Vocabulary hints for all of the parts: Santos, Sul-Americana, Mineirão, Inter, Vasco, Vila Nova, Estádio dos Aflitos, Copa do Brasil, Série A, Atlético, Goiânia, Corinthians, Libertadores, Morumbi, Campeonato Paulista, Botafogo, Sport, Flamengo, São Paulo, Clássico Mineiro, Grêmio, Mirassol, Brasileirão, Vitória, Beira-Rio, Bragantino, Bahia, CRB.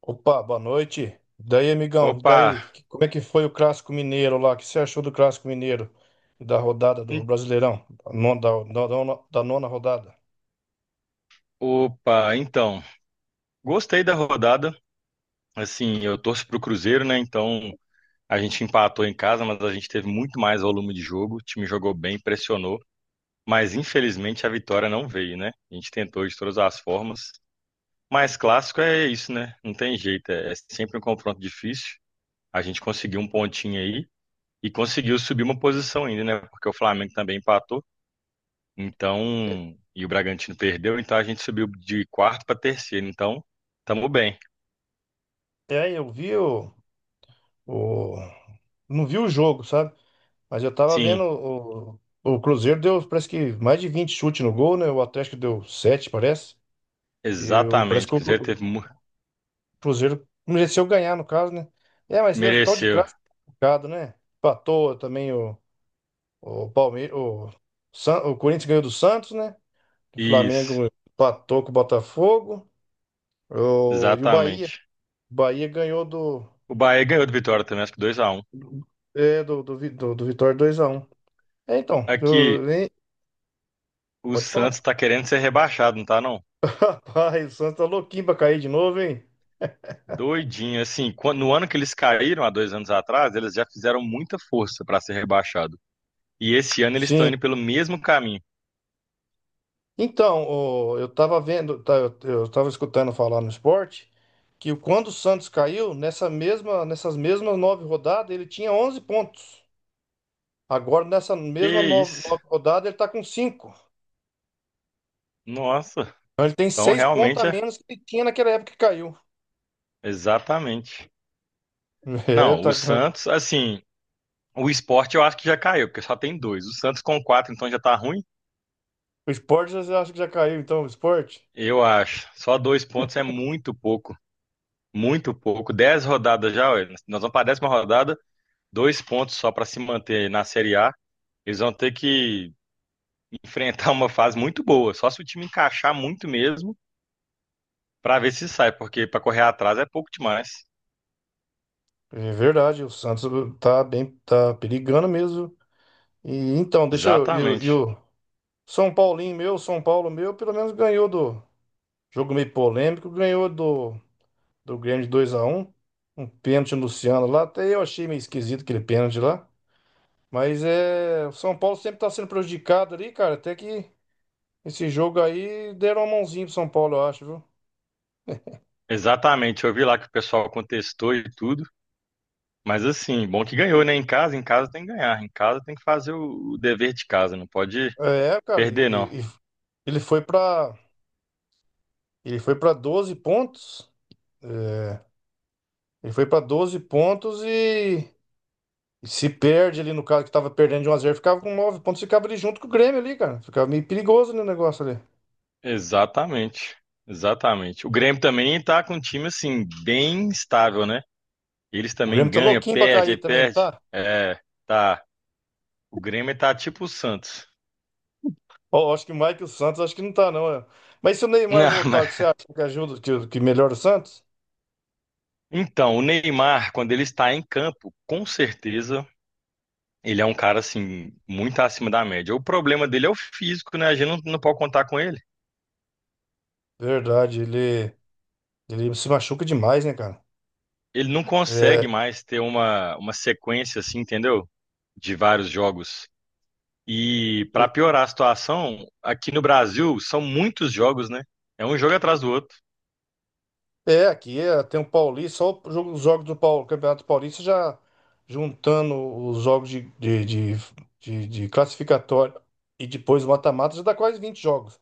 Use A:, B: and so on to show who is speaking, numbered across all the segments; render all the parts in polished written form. A: Opa, boa noite. E daí, amigão? E
B: Opa,
A: daí? Como é que foi o Clássico Mineiro lá? O que você achou do Clássico Mineiro e da rodada do
B: en-
A: Brasileirão? Da nona rodada.
B: então, gostei da rodada. Assim, eu torço pro Cruzeiro, né? Então, a gente empatou em casa, mas a gente teve muito mais volume de jogo. O time jogou bem, pressionou, mas infelizmente a vitória não veio, né? A gente tentou de todas as formas. Mas clássico é isso, né? Não tem jeito, é sempre um confronto difícil. A gente conseguiu um pontinho aí e conseguiu subir uma posição ainda, né? Porque o Flamengo também empatou.
A: É,
B: Então, e o Bragantino perdeu, então a gente subiu de quarto para terceiro. Então, tamo bem.
A: é, eu vi o- não vi o jogo, sabe? Mas eu tava vendo
B: Sim,
A: o Cruzeiro deu, parece que mais de 20 chutes no gol, né? O Atlético deu 7, parece. Parece
B: exatamente.
A: que
B: O Cruzeiro teve,
A: O Cruzeiro mereceu ganhar, no caso, né? É, mas deve tal de
B: mereceu.
A: clássico, complicado, né? Empatou também o. O Palmeiras, o, o Corinthians ganhou do Santos, né? O
B: Isso,
A: Flamengo empatou com o Botafogo. E o Bahia.
B: exatamente.
A: O Bahia ganhou do,
B: O Bahia ganhou do Vitória também, acho que 2x1.
A: é, do, do, Vi- do, do Vitória 2-1. É, então,
B: Aqui,
A: hein?
B: o
A: Pode falar.
B: Santos tá querendo ser rebaixado, não tá não?
A: Rapaz, o Santos tá louquinho pra cair de novo, hein?
B: Doidinho, assim, quando, no ano que eles caíram, há dois anos atrás, eles já fizeram muita força para ser rebaixado. E esse ano eles estão
A: Sim.
B: indo pelo mesmo caminho.
A: Então, eu tava vendo, tá, eu tava escutando falar no esporte que quando o Santos caiu, nessa mesma, nessas mesmas nove rodadas, ele tinha 11 pontos. Agora, nessa mesma
B: Que
A: nova,
B: isso?
A: nova rodada, ele está com cinco.
B: Nossa,
A: Então, ele tem
B: então
A: seis pontos
B: realmente
A: a
B: é
A: menos que ele tinha naquela época que caiu.
B: exatamente.
A: É,
B: Não, o
A: tá com...
B: Santos, assim, o Sport eu acho que já caiu, porque só tem dois. O Santos com quatro, então já tá ruim?
A: O Sport já acha que já caiu, então, o Sport.
B: Eu acho. Só dois pontos é muito pouco. Muito pouco. Dez rodadas já, ué. Nós vamos para a décima rodada, dois pontos só para se manter na Série A. Eles vão ter que enfrentar uma fase muito boa, só se o time encaixar muito mesmo, para ver se sai, porque para correr atrás é pouco demais.
A: É verdade, o Santos tá bem, tá perigando mesmo. E então, deixa eu. E o e
B: Exatamente.
A: o São Paulinho meu, São Paulo meu, pelo menos ganhou do. Jogo meio polêmico, ganhou do Grêmio de 2-1. Um pênalti no Luciano lá. Até eu achei meio esquisito aquele pênalti lá. Mas é. O São Paulo sempre tá sendo prejudicado ali, cara. Até que esse jogo aí deram a mãozinha pro São Paulo, eu acho, viu?
B: Exatamente. Eu vi lá que o pessoal contestou e tudo. Mas assim, bom que ganhou, né? Em casa tem que ganhar. Em casa tem que fazer o dever de casa, não pode
A: É, cara, e-
B: perder, não.
A: e- e ele foi pra. Ele foi para 12 pontos. É, ele foi pra 12 pontos e se perde ali no caso que tava perdendo de 1-0, ficava com 9 pontos, ficava ali junto com o Grêmio ali, cara. Ficava meio perigoso no negócio ali.
B: Exatamente. Exatamente. O Grêmio também tá com um time assim, bem estável, né? Eles
A: O
B: também
A: Grêmio tá
B: ganham,
A: louquinho pra
B: perde,
A: cair
B: aí
A: também, não
B: perde.
A: tá?
B: É, tá. O Grêmio tá tipo o Santos.
A: Ó, acho que mais que o Michael Santos acho que não tá não, é. Mas se o Neymar
B: Não,
A: voltar,
B: mas...
A: o que você acha que ajuda, que melhora o Santos?
B: Então, o Neymar, quando ele está em campo, com certeza ele é um cara assim, muito acima da média. O problema dele é o físico, né? A gente não pode contar com ele.
A: Verdade, ele se machuca demais, né, cara?
B: Ele não consegue
A: É,
B: mais ter uma sequência assim, entendeu? De vários jogos. E para piorar a situação, aqui no Brasil são muitos jogos, né? É um jogo atrás do outro.
A: É, aqui é, tem o Paulista, só os jogos Campeonato Paulista já juntando os jogos de classificatório e depois o mata-mata, já dá quase 20 jogos.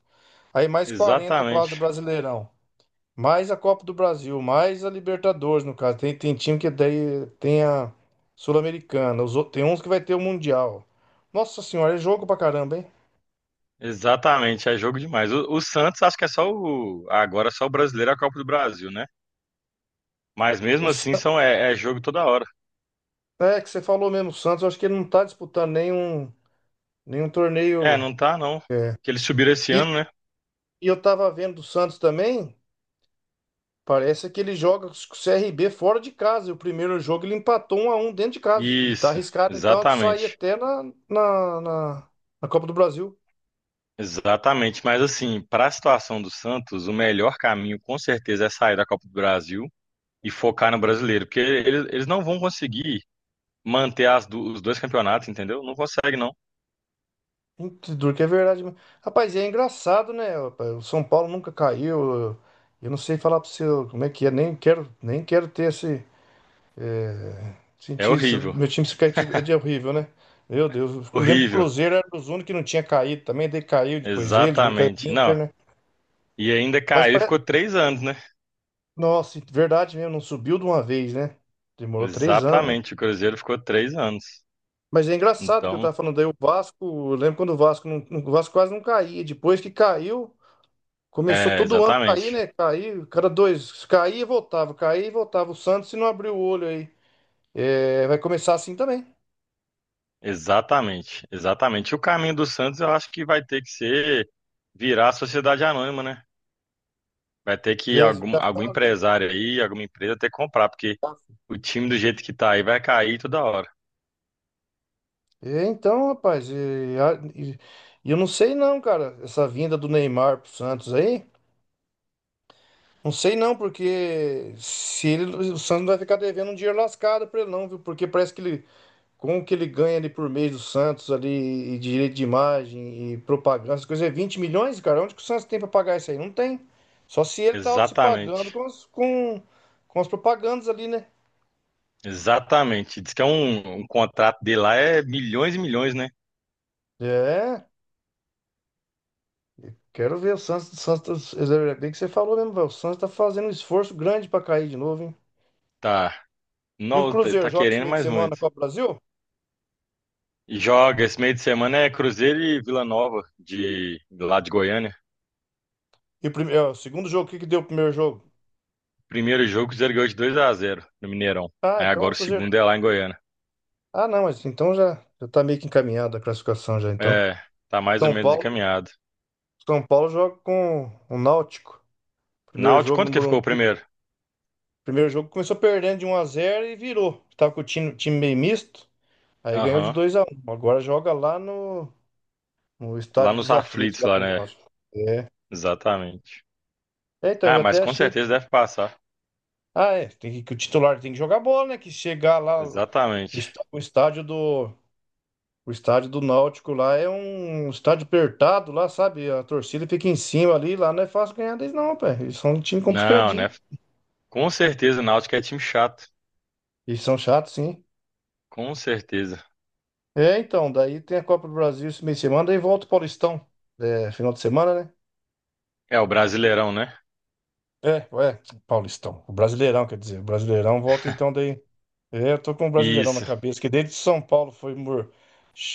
A: Aí mais 40 quase
B: Exatamente.
A: Brasileirão, mais a Copa do Brasil, mais a Libertadores, no caso. Tem time que daí tem a Sul-Americana, tem uns que vai ter o Mundial. Nossa Senhora, é jogo pra caramba, hein?
B: Exatamente, é jogo demais. O Santos acho que é só o agora é só o brasileiro é a Copa do Brasil, né? Mas
A: O,
B: mesmo assim
A: Sa-
B: são é jogo toda hora.
A: é que você falou mesmo, o Santos, eu acho que ele não tá disputando nenhum
B: É,
A: torneio.
B: não tá não.
A: é
B: Que eles subiram esse ano, né?
A: E eu tava vendo o Santos também. Parece que ele joga com o CRB fora de casa. E o primeiro jogo ele empatou 1-1 dentro de casa. E tá
B: Isso,
A: arriscado então de sair
B: exatamente.
A: até na, na, na Copa do Brasil.
B: Exatamente, mas assim, para a situação do Santos, o melhor caminho com certeza é sair da Copa do Brasil e focar no brasileiro, porque eles não vão conseguir manter os dois campeonatos, entendeu? Não consegue, não.
A: Muito duro, que é verdade. Mesmo. Rapaz, e é engraçado, né, rapaz? O São Paulo nunca caiu. Eu não sei falar pra você como é que é. Nem quero, nem quero ter esse. é,
B: É
A: Sentir isso.
B: horrível,
A: Meu time se cair é de horrível, né? Meu Deus. Eu lembro que o
B: horrível.
A: Cruzeiro era dos únicos que não tinha caído também. Daí caiu, depois caiu o
B: Exatamente,
A: Inter,
B: não.
A: né?
B: E ainda
A: Mas
B: caiu e ficou
A: parece
B: três anos, né?
A: Nossa, verdade mesmo, não subiu de uma vez, né? Demorou 3 anos, né?
B: Exatamente, o Cruzeiro ficou três anos.
A: Mas é engraçado que eu
B: Então,
A: tava falando aí, o Vasco, eu lembro quando o Vasco, não, o Vasco quase não caía, depois que caiu, começou
B: é,
A: todo ano a cair,
B: exatamente,
A: né? Cair, cada dois, caía e voltava, o Santos se não abriu o olho aí. É, vai começar assim também.
B: exatamente, exatamente. O caminho do Santos eu acho que vai ter que ser virar a sociedade anônima, né? Vai ter que algum,
A: É,
B: algum empresário aí, alguma empresa ter que comprar, porque o time do jeito que tá aí vai cair toda hora.
A: é, então, rapaz, e eu não sei não, cara, essa vinda do Neymar pro Santos aí. Não sei não, porque se ele, o Santos vai ficar devendo um dinheiro lascado pra ele não, viu? Porque parece que ele, com o que ele ganha ali por mês do Santos ali, e direito de imagem, e propaganda, essas coisas, é 20 milhões, cara? Onde que o Santos tem pra pagar isso aí? Não tem. Só se ele tá se pagando
B: Exatamente.
A: com as propagandas ali, né?
B: Exatamente. Diz que é um contrato dele lá é milhões e milhões, né?
A: É, quero ver o Santos, é bem que você falou mesmo, velho. O Santos tá fazendo um esforço grande pra cair de novo, hein?
B: Tá.
A: E o
B: Não, tá
A: Cruzeiro
B: tá
A: joga esse
B: querendo
A: meio de
B: mais
A: semana na
B: muito.
A: Copa do Brasil?
B: E joga esse meio de semana é Cruzeiro e Vila Nova, de, lá de Goiânia.
A: O segundo jogo, o que que deu o primeiro jogo?
B: Primeiro jogo, o Cruzeiro ganhou de 2x0 no Mineirão.
A: Ah,
B: Aí
A: então o
B: agora o
A: Cruzeiro
B: segundo é lá em Goiânia.
A: Ah, não, mas então já tá meio que encaminhada a classificação já, então.
B: É, tá mais ou
A: São
B: menos
A: Paulo,
B: encaminhado.
A: São Paulo joga com o Náutico. Primeiro
B: Náutico,
A: jogo no
B: quanto que ficou o
A: Morumbi.
B: primeiro?
A: Primeiro jogo começou perdendo de 1-0 e virou. Tava com o time meio misto, aí ganhou de
B: Aham.
A: 2-1. Agora joga lá no
B: Lá
A: Estádio
B: nos
A: dos Aflitos,
B: aflitos,
A: lá
B: lá,
A: contra o
B: né?
A: Náutico. É.
B: Exatamente.
A: É, então,
B: Ah,
A: eu
B: mas
A: até
B: com
A: achei.
B: certeza deve passar.
A: Ah, é, tem que o titular tem que jogar bola, né? Que chegar lá,
B: Exatamente.
A: está- o estádio do, O estádio do Náutico lá é um estádio apertado lá, sabe? A torcida fica em cima ali, lá não é fácil ganhar deles não, pé. Eles são um time
B: Não,
A: complicadinho.
B: né? Com certeza o Náutico é time chato.
A: Eles são chatos, sim.
B: Com certeza.
A: É, então, daí tem a Copa do Brasil esse meio de semana, daí volta o Paulistão. É, final de semana, né?
B: É o Brasileirão, né?
A: É, é, Paulistão. O Brasileirão, quer dizer. O Brasileirão volta então daí. É, eu tô com o Brasileirão na
B: Isso.
A: cabeça, que desde São Paulo foi mor-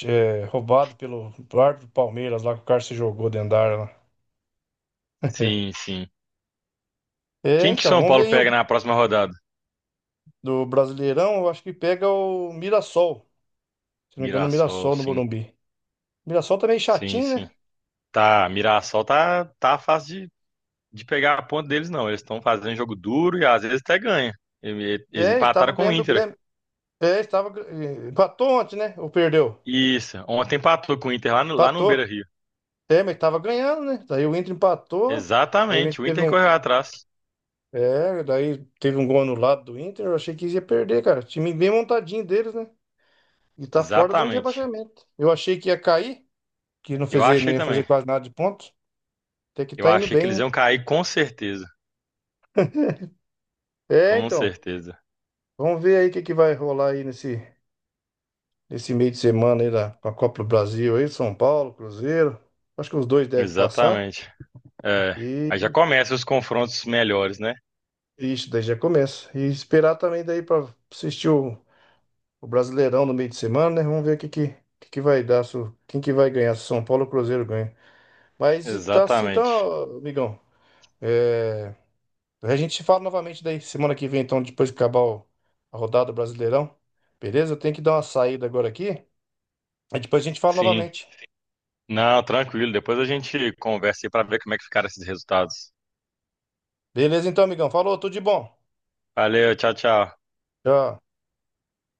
A: é, roubado pelo árbitro do Palmeiras lá, que o cara se jogou dentro da área lá.
B: Sim, sim.
A: É,
B: Quem que
A: então,
B: São
A: vamos ver
B: Paulo
A: aí
B: pega na próxima rodada?
A: do Brasileirão, eu acho que pega o Mirassol. Se não me engano, o
B: Mirassol,
A: Mirassol no
B: sim.
A: Morumbi. Mirassol também
B: Sim,
A: chatinho,
B: sim.
A: né?
B: Tá, Mirassol tá, tá fácil de pegar a ponta deles, não. Eles estão fazendo jogo duro e às vezes até ganha. Ele- Eles
A: É,
B: empataram
A: estava
B: com o
A: ganhando do
B: Inter.
A: Grêmio. É, estava. Empatou ontem, né? Ou perdeu?
B: Isso. Ontem empatou com o Inter lá no
A: Empatou.
B: Beira-Rio.
A: É, mas estava ganhando, né? Daí o Inter empatou. Aí o
B: Exatamente.
A: Inter
B: O
A: teve
B: Inter
A: um.
B: correu atrás.
A: É, daí teve um gol anulado do Inter. Eu achei que ia perder, cara. Time bem montadinho deles, né? E tá fora da zona de
B: Exatamente.
A: rebaixamento. Eu achei que ia cair, que não,
B: Eu
A: fez, não
B: achei
A: ia
B: também.
A: fazer quase nada de pontos. Até que
B: Eu
A: tá indo
B: achei que eles
A: bem, né?
B: iam cair com certeza.
A: É,
B: Com
A: então.
B: certeza.
A: Vamos ver aí o que que vai rolar aí nesse. Nesse meio de semana aí da, com a Copa do Brasil aí, São Paulo, Cruzeiro. Acho que os dois devem passar.
B: Exatamente. É. Aí já
A: E
B: começam os confrontos melhores, né?
A: isso, daí já começa. E esperar também daí para assistir o Brasileirão no meio de semana, né? Vamos ver o que vai dar, se, o- quem que vai ganhar, se o São Paulo ou o Cruzeiro ganha. Mas e tá assim,
B: Exatamente.
A: então, amigão. É, a gente se fala novamente daí semana que vem, então, depois que acabar a rodada do Brasileirão. Beleza? Eu tenho que dar uma saída agora aqui. Aí depois a gente fala
B: Sim.
A: novamente.
B: Não, tranquilo. Depois a gente conversa aí pra ver como é que ficaram esses resultados.
A: Beleza, então, amigão. Falou, tudo de bom.
B: Valeu, tchau, tchau.
A: Tchau.